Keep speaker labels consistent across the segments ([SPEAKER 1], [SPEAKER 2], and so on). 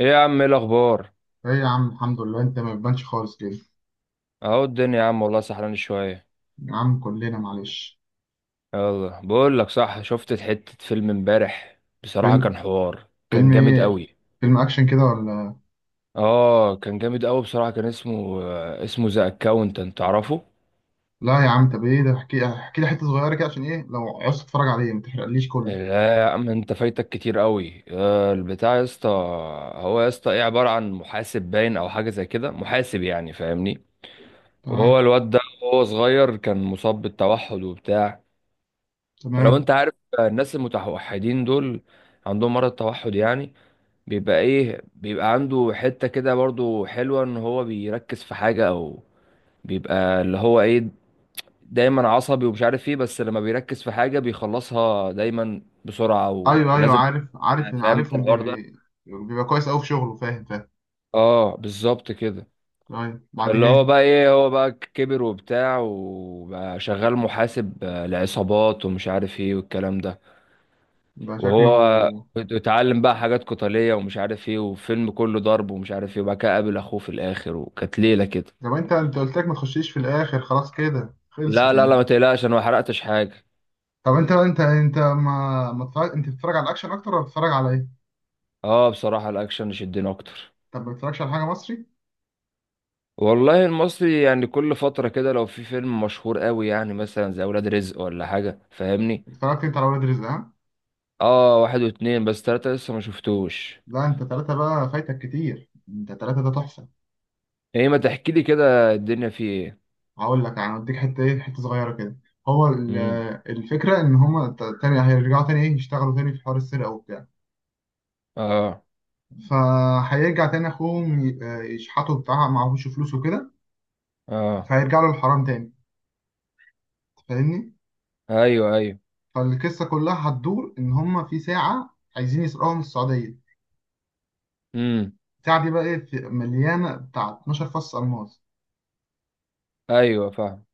[SPEAKER 1] ايه يا عم، ايه الاخبار؟
[SPEAKER 2] ايه يا عم، الحمد لله. انت ما بتبانش خالص كده.
[SPEAKER 1] اهو الدنيا يا عم، والله سحران شويه.
[SPEAKER 2] يا عم كلنا معلش.
[SPEAKER 1] يلا بقول لك، صح، شفت حته فيلم امبارح، بصراحه كان
[SPEAKER 2] فيلم؟
[SPEAKER 1] حوار، كان
[SPEAKER 2] فيلم
[SPEAKER 1] جامد
[SPEAKER 2] ايه؟
[SPEAKER 1] قوي.
[SPEAKER 2] فيلم اكشن كده ولا؟
[SPEAKER 1] اه، كان جامد قوي بصراحه. كان اسمه ذا اكاونتنت، تعرفه؟
[SPEAKER 2] لا يا عم، طب ايه ده، احكي لي حته صغيره كده، عشان ايه لو عايز تتفرج عليه ما تحرقليش كله.
[SPEAKER 1] لا يا عم، انت فايتك كتير قوي، البتاع يا اسطى. هو يا اسطى ايه، عباره عن محاسب، باين او حاجه زي كده، محاسب يعني، فاهمني. وهو
[SPEAKER 2] تمام.
[SPEAKER 1] الواد ده وهو صغير كان مصاب بالتوحد وبتاع. فلو انت
[SPEAKER 2] تمام.
[SPEAKER 1] عارف الناس المتوحدين دول، عندهم مرض التوحد يعني، بيبقى ايه، بيبقى عنده حتة كده برضو حلوة ان هو بيركز في حاجة، او بيبقى اللي هو ايه، دايما عصبي ومش عارف ايه، بس لما بيركز في حاجة بيخلصها دايما بسرعة،
[SPEAKER 2] ايوه، ايوه،
[SPEAKER 1] ولازم.
[SPEAKER 2] عارف
[SPEAKER 1] فاهم انت
[SPEAKER 2] عارفهم، بي
[SPEAKER 1] الحوار ده؟
[SPEAKER 2] بي. بيبقى كويس قوي في شغله. فاهم، فاهم.
[SPEAKER 1] اه، بالظبط كده.
[SPEAKER 2] طيب بعد
[SPEAKER 1] فاللي
[SPEAKER 2] كده.
[SPEAKER 1] هو بقى ايه، هو بقى كبر وبتاع، وبقى شغال محاسب لعصابات ومش عارف ايه والكلام ده.
[SPEAKER 2] يبقى
[SPEAKER 1] وهو
[SPEAKER 2] شكله.
[SPEAKER 1] اتعلم بقى حاجات قتالية ومش عارف ايه، وفيلم كله ضرب ومش عارف ايه، وبعد كده قابل اخوه في الاخر، وكانت ليلة كده.
[SPEAKER 2] طب انت قلت لك ما تخشيش في الاخر، خلاص كده
[SPEAKER 1] لا
[SPEAKER 2] خلصت
[SPEAKER 1] لا لا،
[SPEAKER 2] يعني.
[SPEAKER 1] ما تقلقش، انا ما حرقتش حاجة.
[SPEAKER 2] طب انت ما ما تتفرج... انت بتتفرج على الاكشن اكتر ولا بتتفرج على ايه؟
[SPEAKER 1] اه، بصراحة الاكشن شدني اكتر.
[SPEAKER 2] طب ما بتتفرجش على حاجه مصري؟
[SPEAKER 1] والله المصري يعني كل فترة كده، لو في فيلم مشهور قوي يعني، مثلا زي اولاد رزق ولا حاجة، فاهمني.
[SPEAKER 2] اتفرجت انت على ولاد رزق؟ ها؟
[SPEAKER 1] اه، واحد واتنين، بس تلاتة لسه ما شفتوش.
[SPEAKER 2] لا انت ثلاثة بقى فايتك كتير، انت ثلاثة ده تحفة.
[SPEAKER 1] ايه ما تحكي لي كده الدنيا فيه ايه؟
[SPEAKER 2] هقول لك يعني، اديك حتة ايه، حتة صغيرة كده. هو
[SPEAKER 1] امم.
[SPEAKER 2] الفكرة ان هما تاني هيرجعوا تاني ايه يشتغلوا تاني في حوار السرقة وبتاع.
[SPEAKER 1] اه،
[SPEAKER 2] فهيرجع تاني اخوهم يشحتوا بتاع، معهوش فلوس وكده.
[SPEAKER 1] اه.
[SPEAKER 2] فهيرجع له الحرام تاني. فاهمني؟
[SPEAKER 1] ايوه، ايوه.
[SPEAKER 2] فالقصة كلها هتدور ان هما في ساعة عايزين يسرقوها من السعودية.
[SPEAKER 1] امم.
[SPEAKER 2] الساعة دي بقى ايه مليانة بتاع 12 فص ألماس.
[SPEAKER 1] ايوه، فاهم.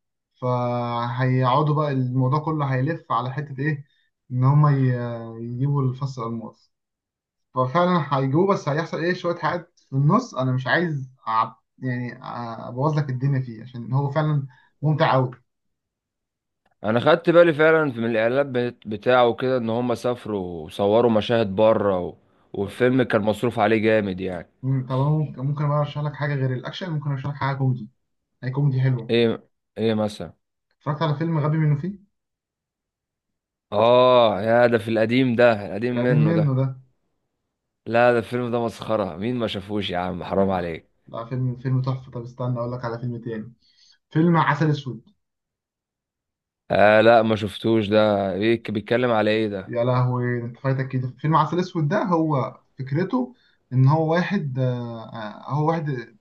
[SPEAKER 2] فهيقعدوا بقى، الموضوع كله هيلف على حتة إيه، إن هما يجيبوا الفص الألماس. ففعلا هيجيبوه، بس هيحصل إيه شوية حاجات في النص، أنا مش عايز أعب يعني، أبوظ لك الدنيا فيه، عشان هو فعلا ممتع أوي.
[SPEAKER 1] انا خدت بالي فعلا من الاعلان بتاعه كده، ان هم سافروا وصوروا مشاهد بره،
[SPEAKER 2] طب
[SPEAKER 1] والفيلم كان مصروف عليه جامد يعني.
[SPEAKER 2] طب أنا ممكن، بقى أرشح لك حاجة غير الأكشن، ممكن أرشح لك حاجة كوميدي. هي كوميدي حلوة.
[SPEAKER 1] ايه ايه مثلا؟
[SPEAKER 2] اتفرجت على فيلم غبي منه فيه.
[SPEAKER 1] اه يا، ده في القديم، ده القديم
[SPEAKER 2] القديم
[SPEAKER 1] منه
[SPEAKER 2] منه
[SPEAKER 1] ده.
[SPEAKER 2] ده.
[SPEAKER 1] لا ده الفيلم ده مسخرة، مين ما شافوش يا عم، حرام
[SPEAKER 2] آه،
[SPEAKER 1] عليك.
[SPEAKER 2] لا، فيلم تحفة. طب استنى أقول لك على فيلم تاني. فيلم عسل أسود.
[SPEAKER 1] آه، لا ما شفتوش ده. بيك بيتكلم على ايه ده؟
[SPEAKER 2] يا لهوي، انت فايتك كده. فيلم عسل اسود ده هو فكرته ان هو واحد، هو واحد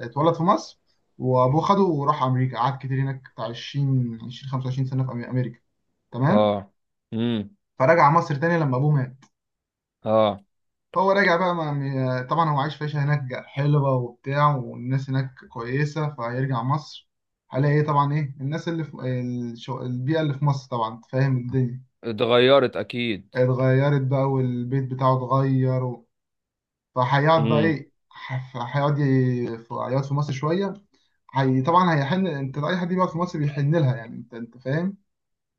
[SPEAKER 2] اتولد في مصر، وابوه خده وراح امريكا، قعد كتير هناك بتاع 20 20 25 سنه في امريكا. تمام.
[SPEAKER 1] اه. امم.
[SPEAKER 2] فرجع مصر تاني لما ابوه مات.
[SPEAKER 1] اه.
[SPEAKER 2] فهو راجع بقى طبعا هو عايش في عيشه هناك حلوه وبتاع، والناس هناك كويسه، فهيرجع مصر، هلاقي ايه، طبعا ايه الناس اللي في البيئه اللي في مصر، طبعا أنت فاهم الدنيا
[SPEAKER 1] اتغيرت اكيد.
[SPEAKER 2] اتغيرت بقى، والبيت بتاعه اتغير. فهيقعد بقى
[SPEAKER 1] امم.
[SPEAKER 2] ايه هيقعد في مصر شويه. هي طبعا هيحن، انت اي حد بيقعد في مصر بيحن لها يعني، انت فاهم.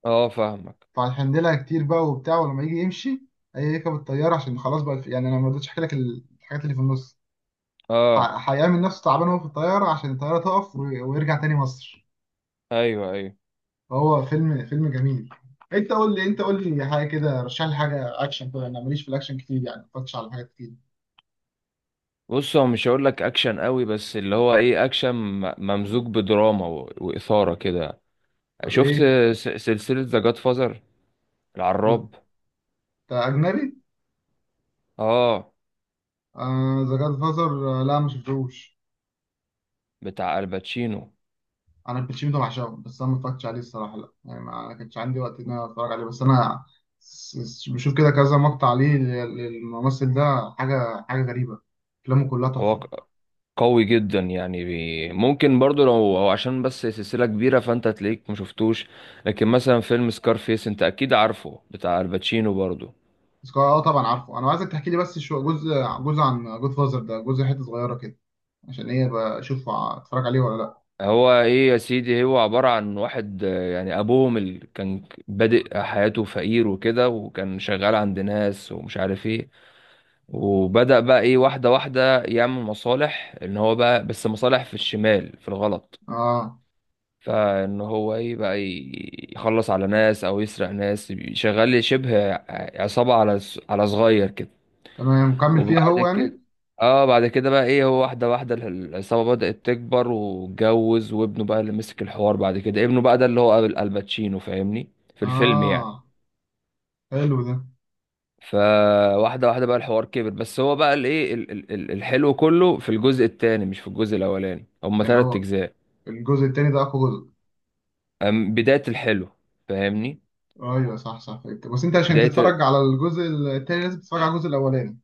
[SPEAKER 1] اه، فاهمك.
[SPEAKER 2] فهيحن لها كتير بقى وبتاع، ولما يجي يمشي هيركب الطياره، عشان خلاص بقى، يعني انا ما رضيتش احكي لك الحاجات اللي في النص.
[SPEAKER 1] اه،
[SPEAKER 2] هيعمل نفسه تعبان وهو في الطياره عشان الطياره تقف ويرجع تاني مصر.
[SPEAKER 1] ايوه، ايوه.
[SPEAKER 2] فهو فيلم جميل. انت قول لي حاجه كده، رشح لي حاجه اكشن كده، انا ماليش في الاكشن كتير يعني، ما اتفرجتش على حاجات كتير.
[SPEAKER 1] بص، هو مش هقول لك اكشن قوي، بس اللي هو ايه، اكشن ممزوج بدراما واثاره كده.
[SPEAKER 2] طب
[SPEAKER 1] شفت
[SPEAKER 2] ايه؟
[SPEAKER 1] سلسله ذا جاد فازر،
[SPEAKER 2] انت
[SPEAKER 1] العراب؟
[SPEAKER 2] اجنبي؟
[SPEAKER 1] اه،
[SPEAKER 2] آه ذا جاد فازر، لا ما شفتهوش.
[SPEAKER 1] بتاع الباتشينو.
[SPEAKER 2] انا الباتشينو ده بعشقه، بس انا ما اتفرجتش عليه الصراحه، لا يعني ما كانش عندي وقت ان انا اتفرج عليه، بس انا بشوف كده كذا مقطع عليه، للممثل ده، حاجه غريبه، افلامه كلها
[SPEAKER 1] هو
[SPEAKER 2] تحفه.
[SPEAKER 1] قوي جدا يعني، ممكن برضو، لو هو عشان بس سلسله كبيره، فانت تلاقيك ما شفتوش. لكن مثلا فيلم سكارفيس انت اكيد عارفه، بتاع الباتشينو برضو.
[SPEAKER 2] بس اه طبعا عارفه، انا عايزك تحكي لي بس شو جزء، جزء عن جود فازر ده، جزء حته صغيره كده، عشان ايه، بشوف اتفرج عليه ولا لا.
[SPEAKER 1] هو ايه يا سيدي، هو عبارة عن واحد، يعني ابوهم اللي كان بادئ حياته فقير وكده، وكان شغال عند ناس ومش عارف ايه. وبدأ بقى ايه، واحدة واحدة، يعمل مصالح، ان هو بقى بس مصالح في الشمال في الغلط.
[SPEAKER 2] اه
[SPEAKER 1] فان هو ايه، بقى يخلص على ناس او يسرق ناس، شغال شبه عصابة، على صغير كده.
[SPEAKER 2] تمام، مكمل فيها
[SPEAKER 1] وبعد
[SPEAKER 2] هو يعني.
[SPEAKER 1] كده، اه، بعد كده بقى ايه، هو واحده واحده العصابه بدأت تكبر واتجوز، وابنه بقى اللي مسك الحوار بعد كده، ابنه بقى ده اللي هو الباتشينو، فاهمني، في الفيلم يعني.
[SPEAKER 2] اه حلو ده.
[SPEAKER 1] فواحده واحده بقى الحوار كبر، بس هو بقى الايه، الحلو كله في الجزء الثاني مش في الجزء الاولاني. هما
[SPEAKER 2] يعني
[SPEAKER 1] ثلاث
[SPEAKER 2] هو
[SPEAKER 1] اجزاء.
[SPEAKER 2] الجزء التاني ده اقوى جزء؟
[SPEAKER 1] بدايه الحلو، فاهمني،
[SPEAKER 2] ايوه، صح، صح، فهمت. بس انت عشان
[SPEAKER 1] بدايه.
[SPEAKER 2] تتفرج على الجزء التاني لازم تتفرج على الجزء الاولاني.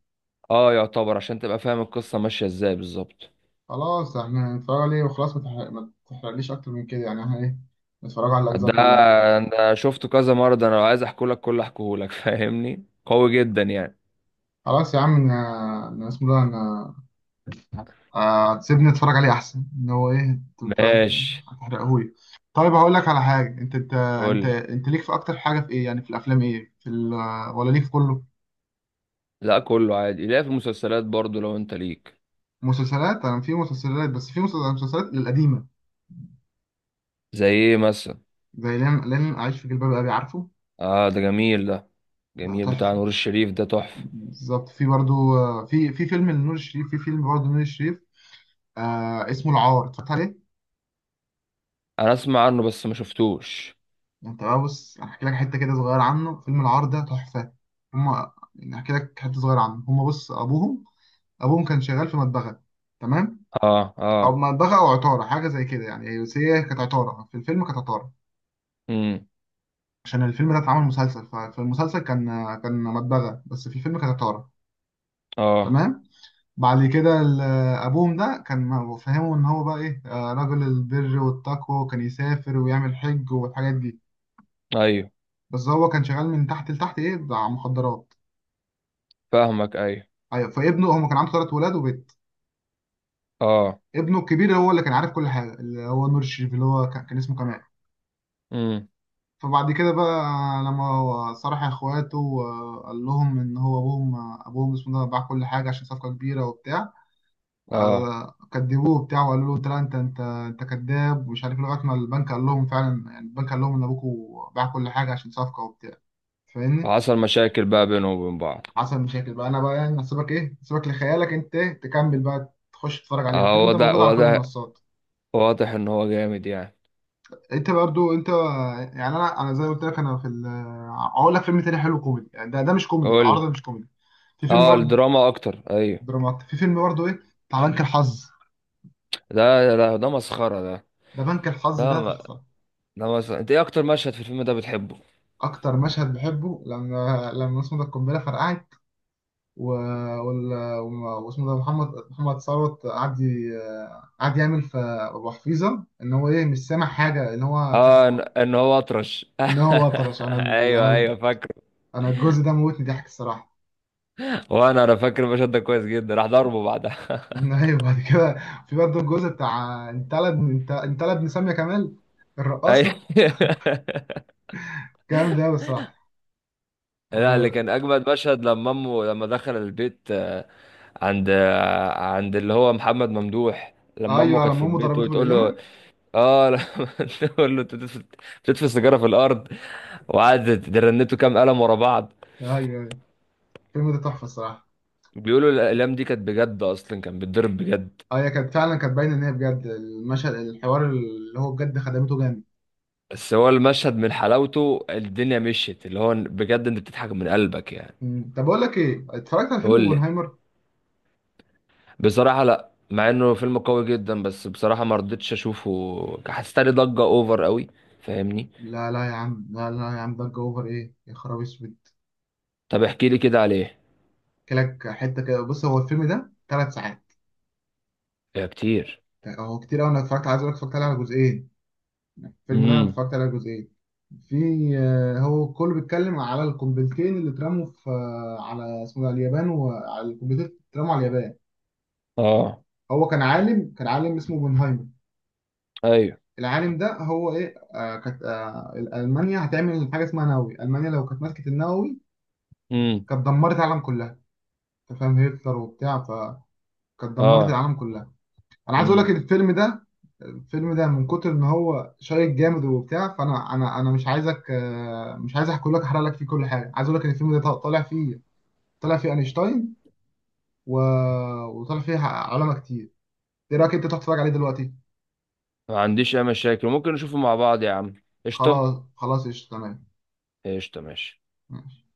[SPEAKER 1] اه، يعتبر عشان تبقى فاهم القصه ماشيه ازاي بالظبط.
[SPEAKER 2] خلاص، احنا هنتفرج عليه وخلاص، ما تحرقليش اكتر من كده يعني، احنا ايه نتفرج على الاجزاء
[SPEAKER 1] ده
[SPEAKER 2] كلها.
[SPEAKER 1] انا شفته كذا مره، ده انا لو عايز احكولك كله احكولك فاهمني، قوي جدا يعني.
[SPEAKER 2] خلاص يا عم، انا اسمه ده انا، سيبني اتفرج عليه احسن، ان هو ايه، انت
[SPEAKER 1] ماشي.
[SPEAKER 2] هتحرقهولي. طيب هقول لك على حاجه، انت انت انت
[SPEAKER 1] قول.
[SPEAKER 2] انت ليك في اكتر حاجه في ايه يعني، في الافلام ايه، في ولا ليك في كله؟
[SPEAKER 1] لا كله عادي، لا في المسلسلات برضو لو انت ليك.
[SPEAKER 2] مسلسلات. انا في مسلسلات، بس في مسلسلات القديمه،
[SPEAKER 1] زي ايه مثلا؟
[SPEAKER 2] زي لن اعيش في جلباب ابي، عارفه؟
[SPEAKER 1] اه، ده جميل ده،
[SPEAKER 2] ده
[SPEAKER 1] جميل بتاع
[SPEAKER 2] تحفه.
[SPEAKER 1] نور الشريف، ده تحفة.
[SPEAKER 2] بالظبط في برضو، في فيلم لنور الشريف، في فيلم برضو نور الشريف، اسمه العار، اتفرجت عليه؟
[SPEAKER 1] انا اسمع عنه بس ما شفتوش.
[SPEAKER 2] انت بقى بص، احكي لك حته كده صغيره عنه. فيلم العار ده تحفه. هما يعني، احكي لك حته صغيره عنه، هما بص ابوهم، كان شغال في مدبغه. تمام.
[SPEAKER 1] اه،
[SPEAKER 2] او
[SPEAKER 1] اه.
[SPEAKER 2] مدبغه او عطاره حاجه زي كده يعني، بس هي كانت عطاره، في الفيلم كانت عطاره،
[SPEAKER 1] امم.
[SPEAKER 2] عشان الفيلم ده اتعمل مسلسل، ففي المسلسل كان، مدبغه، بس في الفيلم كانت عطاره.
[SPEAKER 1] اه،
[SPEAKER 2] تمام. بعد كده ابوهم ده كان فهمه ان هو بقى ايه، رجل البر والتقوى، وكان يسافر ويعمل حج والحاجات دي،
[SPEAKER 1] ايوه،
[SPEAKER 2] بس هو كان شغال من تحت لتحت ايه بتاع مخدرات.
[SPEAKER 1] فاهمك. ايوه.
[SPEAKER 2] ايوه، فابنه هو كان عنده 3 ولاد وبنت.
[SPEAKER 1] اه.
[SPEAKER 2] ابنه الكبير هو اللي كان عارف كل حاجه، اللي هو نور الشريف، اللي هو كان اسمه كمال.
[SPEAKER 1] امم.
[SPEAKER 2] فبعد كده بقى لما هو صرح اخواته وقال لهم ان هو ابوهم، ابوهم اسمه ده باع كل حاجه عشان صفقه كبيره وبتاع،
[SPEAKER 1] اه.
[SPEAKER 2] كدبوه بتاعه وقالوا له انت لا، انت كذاب ومش عارف إيه، لغايه ما البنك قال لهم فعلا يعني، البنك قال لهم ان ابوكوا باع كل حاجه عشان صفقه وبتاع. فاهمني.
[SPEAKER 1] وحصل مشاكل بقى بينهم وبين بعض.
[SPEAKER 2] حصل مشاكل بقى، انا بقى يعني هسيبك ايه، هسيبك لخيالك انت، تكمل بقى، تخش تتفرج عليه،
[SPEAKER 1] اه،
[SPEAKER 2] الفيلم ده
[SPEAKER 1] واضح،
[SPEAKER 2] موجود على كل
[SPEAKER 1] واضح،
[SPEAKER 2] المنصات.
[SPEAKER 1] واضح ان هو جامد يعني.
[SPEAKER 2] انت برضو انت، يعني انا زي ما قلت لك، انا في هقول لك فيلم تاني حلو كوميدي يعني، ده مش كوميدي، العرض
[SPEAKER 1] قول.
[SPEAKER 2] ده مش كوميدي. في فيلم
[SPEAKER 1] اه،
[SPEAKER 2] برضه،
[SPEAKER 1] الدراما اكتر، ايوه.
[SPEAKER 2] درامات، في فيلم برضه ايه، بتاع بنك الحظ.
[SPEAKER 1] ده مسخرة ده.
[SPEAKER 2] ده بنك الحظ
[SPEAKER 1] ده
[SPEAKER 2] ده تحفه.
[SPEAKER 1] ده مثلا، انت ايه اكتر مشهد في الفيلم ده بتحبه؟
[SPEAKER 2] اكتر مشهد بحبه لما اسمه ده القنبله فرقعت، و... واسمه ده محمد، ثروت قعد قعد يعمل في ابو حفيظه ان هو ايه مش سامع حاجه، ان هو كانت،
[SPEAKER 1] اه، إن هو اطرش
[SPEAKER 2] ان هو وطرش.
[SPEAKER 1] ايوه، ايوه، فاكره.
[SPEAKER 2] انا الجزء ده موتني ضحك الصراحه.
[SPEAKER 1] وانا فاكر المشهد ده كويس جدا، راح ضربه بعدها.
[SPEAKER 2] ايوه بعد كده، في برضه الجزء بتاع انت، لا ابن ساميه كمال
[SPEAKER 1] ايوه
[SPEAKER 2] الرقاصه. جامد ده بصراحه.
[SPEAKER 1] لا، اللي
[SPEAKER 2] انا.
[SPEAKER 1] كان اجمد مشهد لما دخل البيت، عند اللي هو محمد ممدوح، لما امه
[SPEAKER 2] ايوه،
[SPEAKER 1] كانت في
[SPEAKER 2] لما امه
[SPEAKER 1] البيت
[SPEAKER 2] ضربته
[SPEAKER 1] وتقول له.
[SPEAKER 2] بالقلمه.
[SPEAKER 1] اه، لما تقول له انت بتدفن سيجاره في الارض، وقعدت رنته كام قلم ورا بعض.
[SPEAKER 2] ايوه، أيوة. الفيلم ده تحفه الصراحه.
[SPEAKER 1] بيقولوا الأقلام دي كانت بجد، أصلا كان بيتضرب بجد.
[SPEAKER 2] اه هي كانت فعلا، كانت باينه ان هي بجد، المشهد، الحوار اللي هو بجد خدمته جامد.
[SPEAKER 1] بس هو المشهد من حلاوته الدنيا مشيت، اللي هو بجد انت بتضحك من قلبك يعني.
[SPEAKER 2] مم. طب اقول لك ايه، اتفرجت على فيلم
[SPEAKER 1] قول لي.
[SPEAKER 2] اوبنهايمر؟
[SPEAKER 1] بصراحة لا، مع انه فيلم قوي جدا، بس بصراحة ما رضيتش اشوفه، حسيت لي ضجة اوفر قوي، فاهمني.
[SPEAKER 2] لا، لا يا عم، لا، لا يا عم، ضجه اوفر ايه يا خراب اسود.
[SPEAKER 1] طب احكي لي كده عليه.
[SPEAKER 2] كلك حته كده، بص هو الفيلم ده 3 ساعات.
[SPEAKER 1] يا كتير.
[SPEAKER 2] هو كتير قوي، انا اتفرجت، عايز اقول لك اتفرجت عليه على جزئين، الفيلم ده انا
[SPEAKER 1] امم.
[SPEAKER 2] اتفرجت عليه على جزئين. في، هو كله بيتكلم على القنبلتين اللي اترموا في، على اسمه ده اليابان، وعلى القنبلتين اللي اترموا على اليابان.
[SPEAKER 1] اه.
[SPEAKER 2] هو كان عالم، كان عالم اسمه اوبنهايمر.
[SPEAKER 1] ايوه.
[SPEAKER 2] العالم ده هو ايه، كانت، المانيا هتعمل حاجه اسمها نووي، المانيا لو كانت مسكت النووي
[SPEAKER 1] امم.
[SPEAKER 2] كانت دمرت العالم كلها، انت فاهم هتلر وبتاع، فكانت دمرت
[SPEAKER 1] اه.
[SPEAKER 2] العالم كلها. انا عايز اقول لك
[SPEAKER 1] امم.
[SPEAKER 2] الفيلم ده، الفيلم ده من كتر ان هو شيق جامد وبتاع، فانا انا مش عايزك، مش عايز احكي لك، احرق لك فيه كل حاجه، عايز اقول لك ان الفيلم ده طالع فيه، طالع فيه اينشتاين و... وطالع فيه علماء كتير. ايه رايك انت تروح تتفرج عليه دلوقتي؟
[SPEAKER 1] ما عنديش اي مشاكل، ممكن نشوفه مع بعض يا عم، قشطة.
[SPEAKER 2] خلاص، خلاص، قشطة تمام.
[SPEAKER 1] قشطة، ماشي.
[SPEAKER 2] ماشي.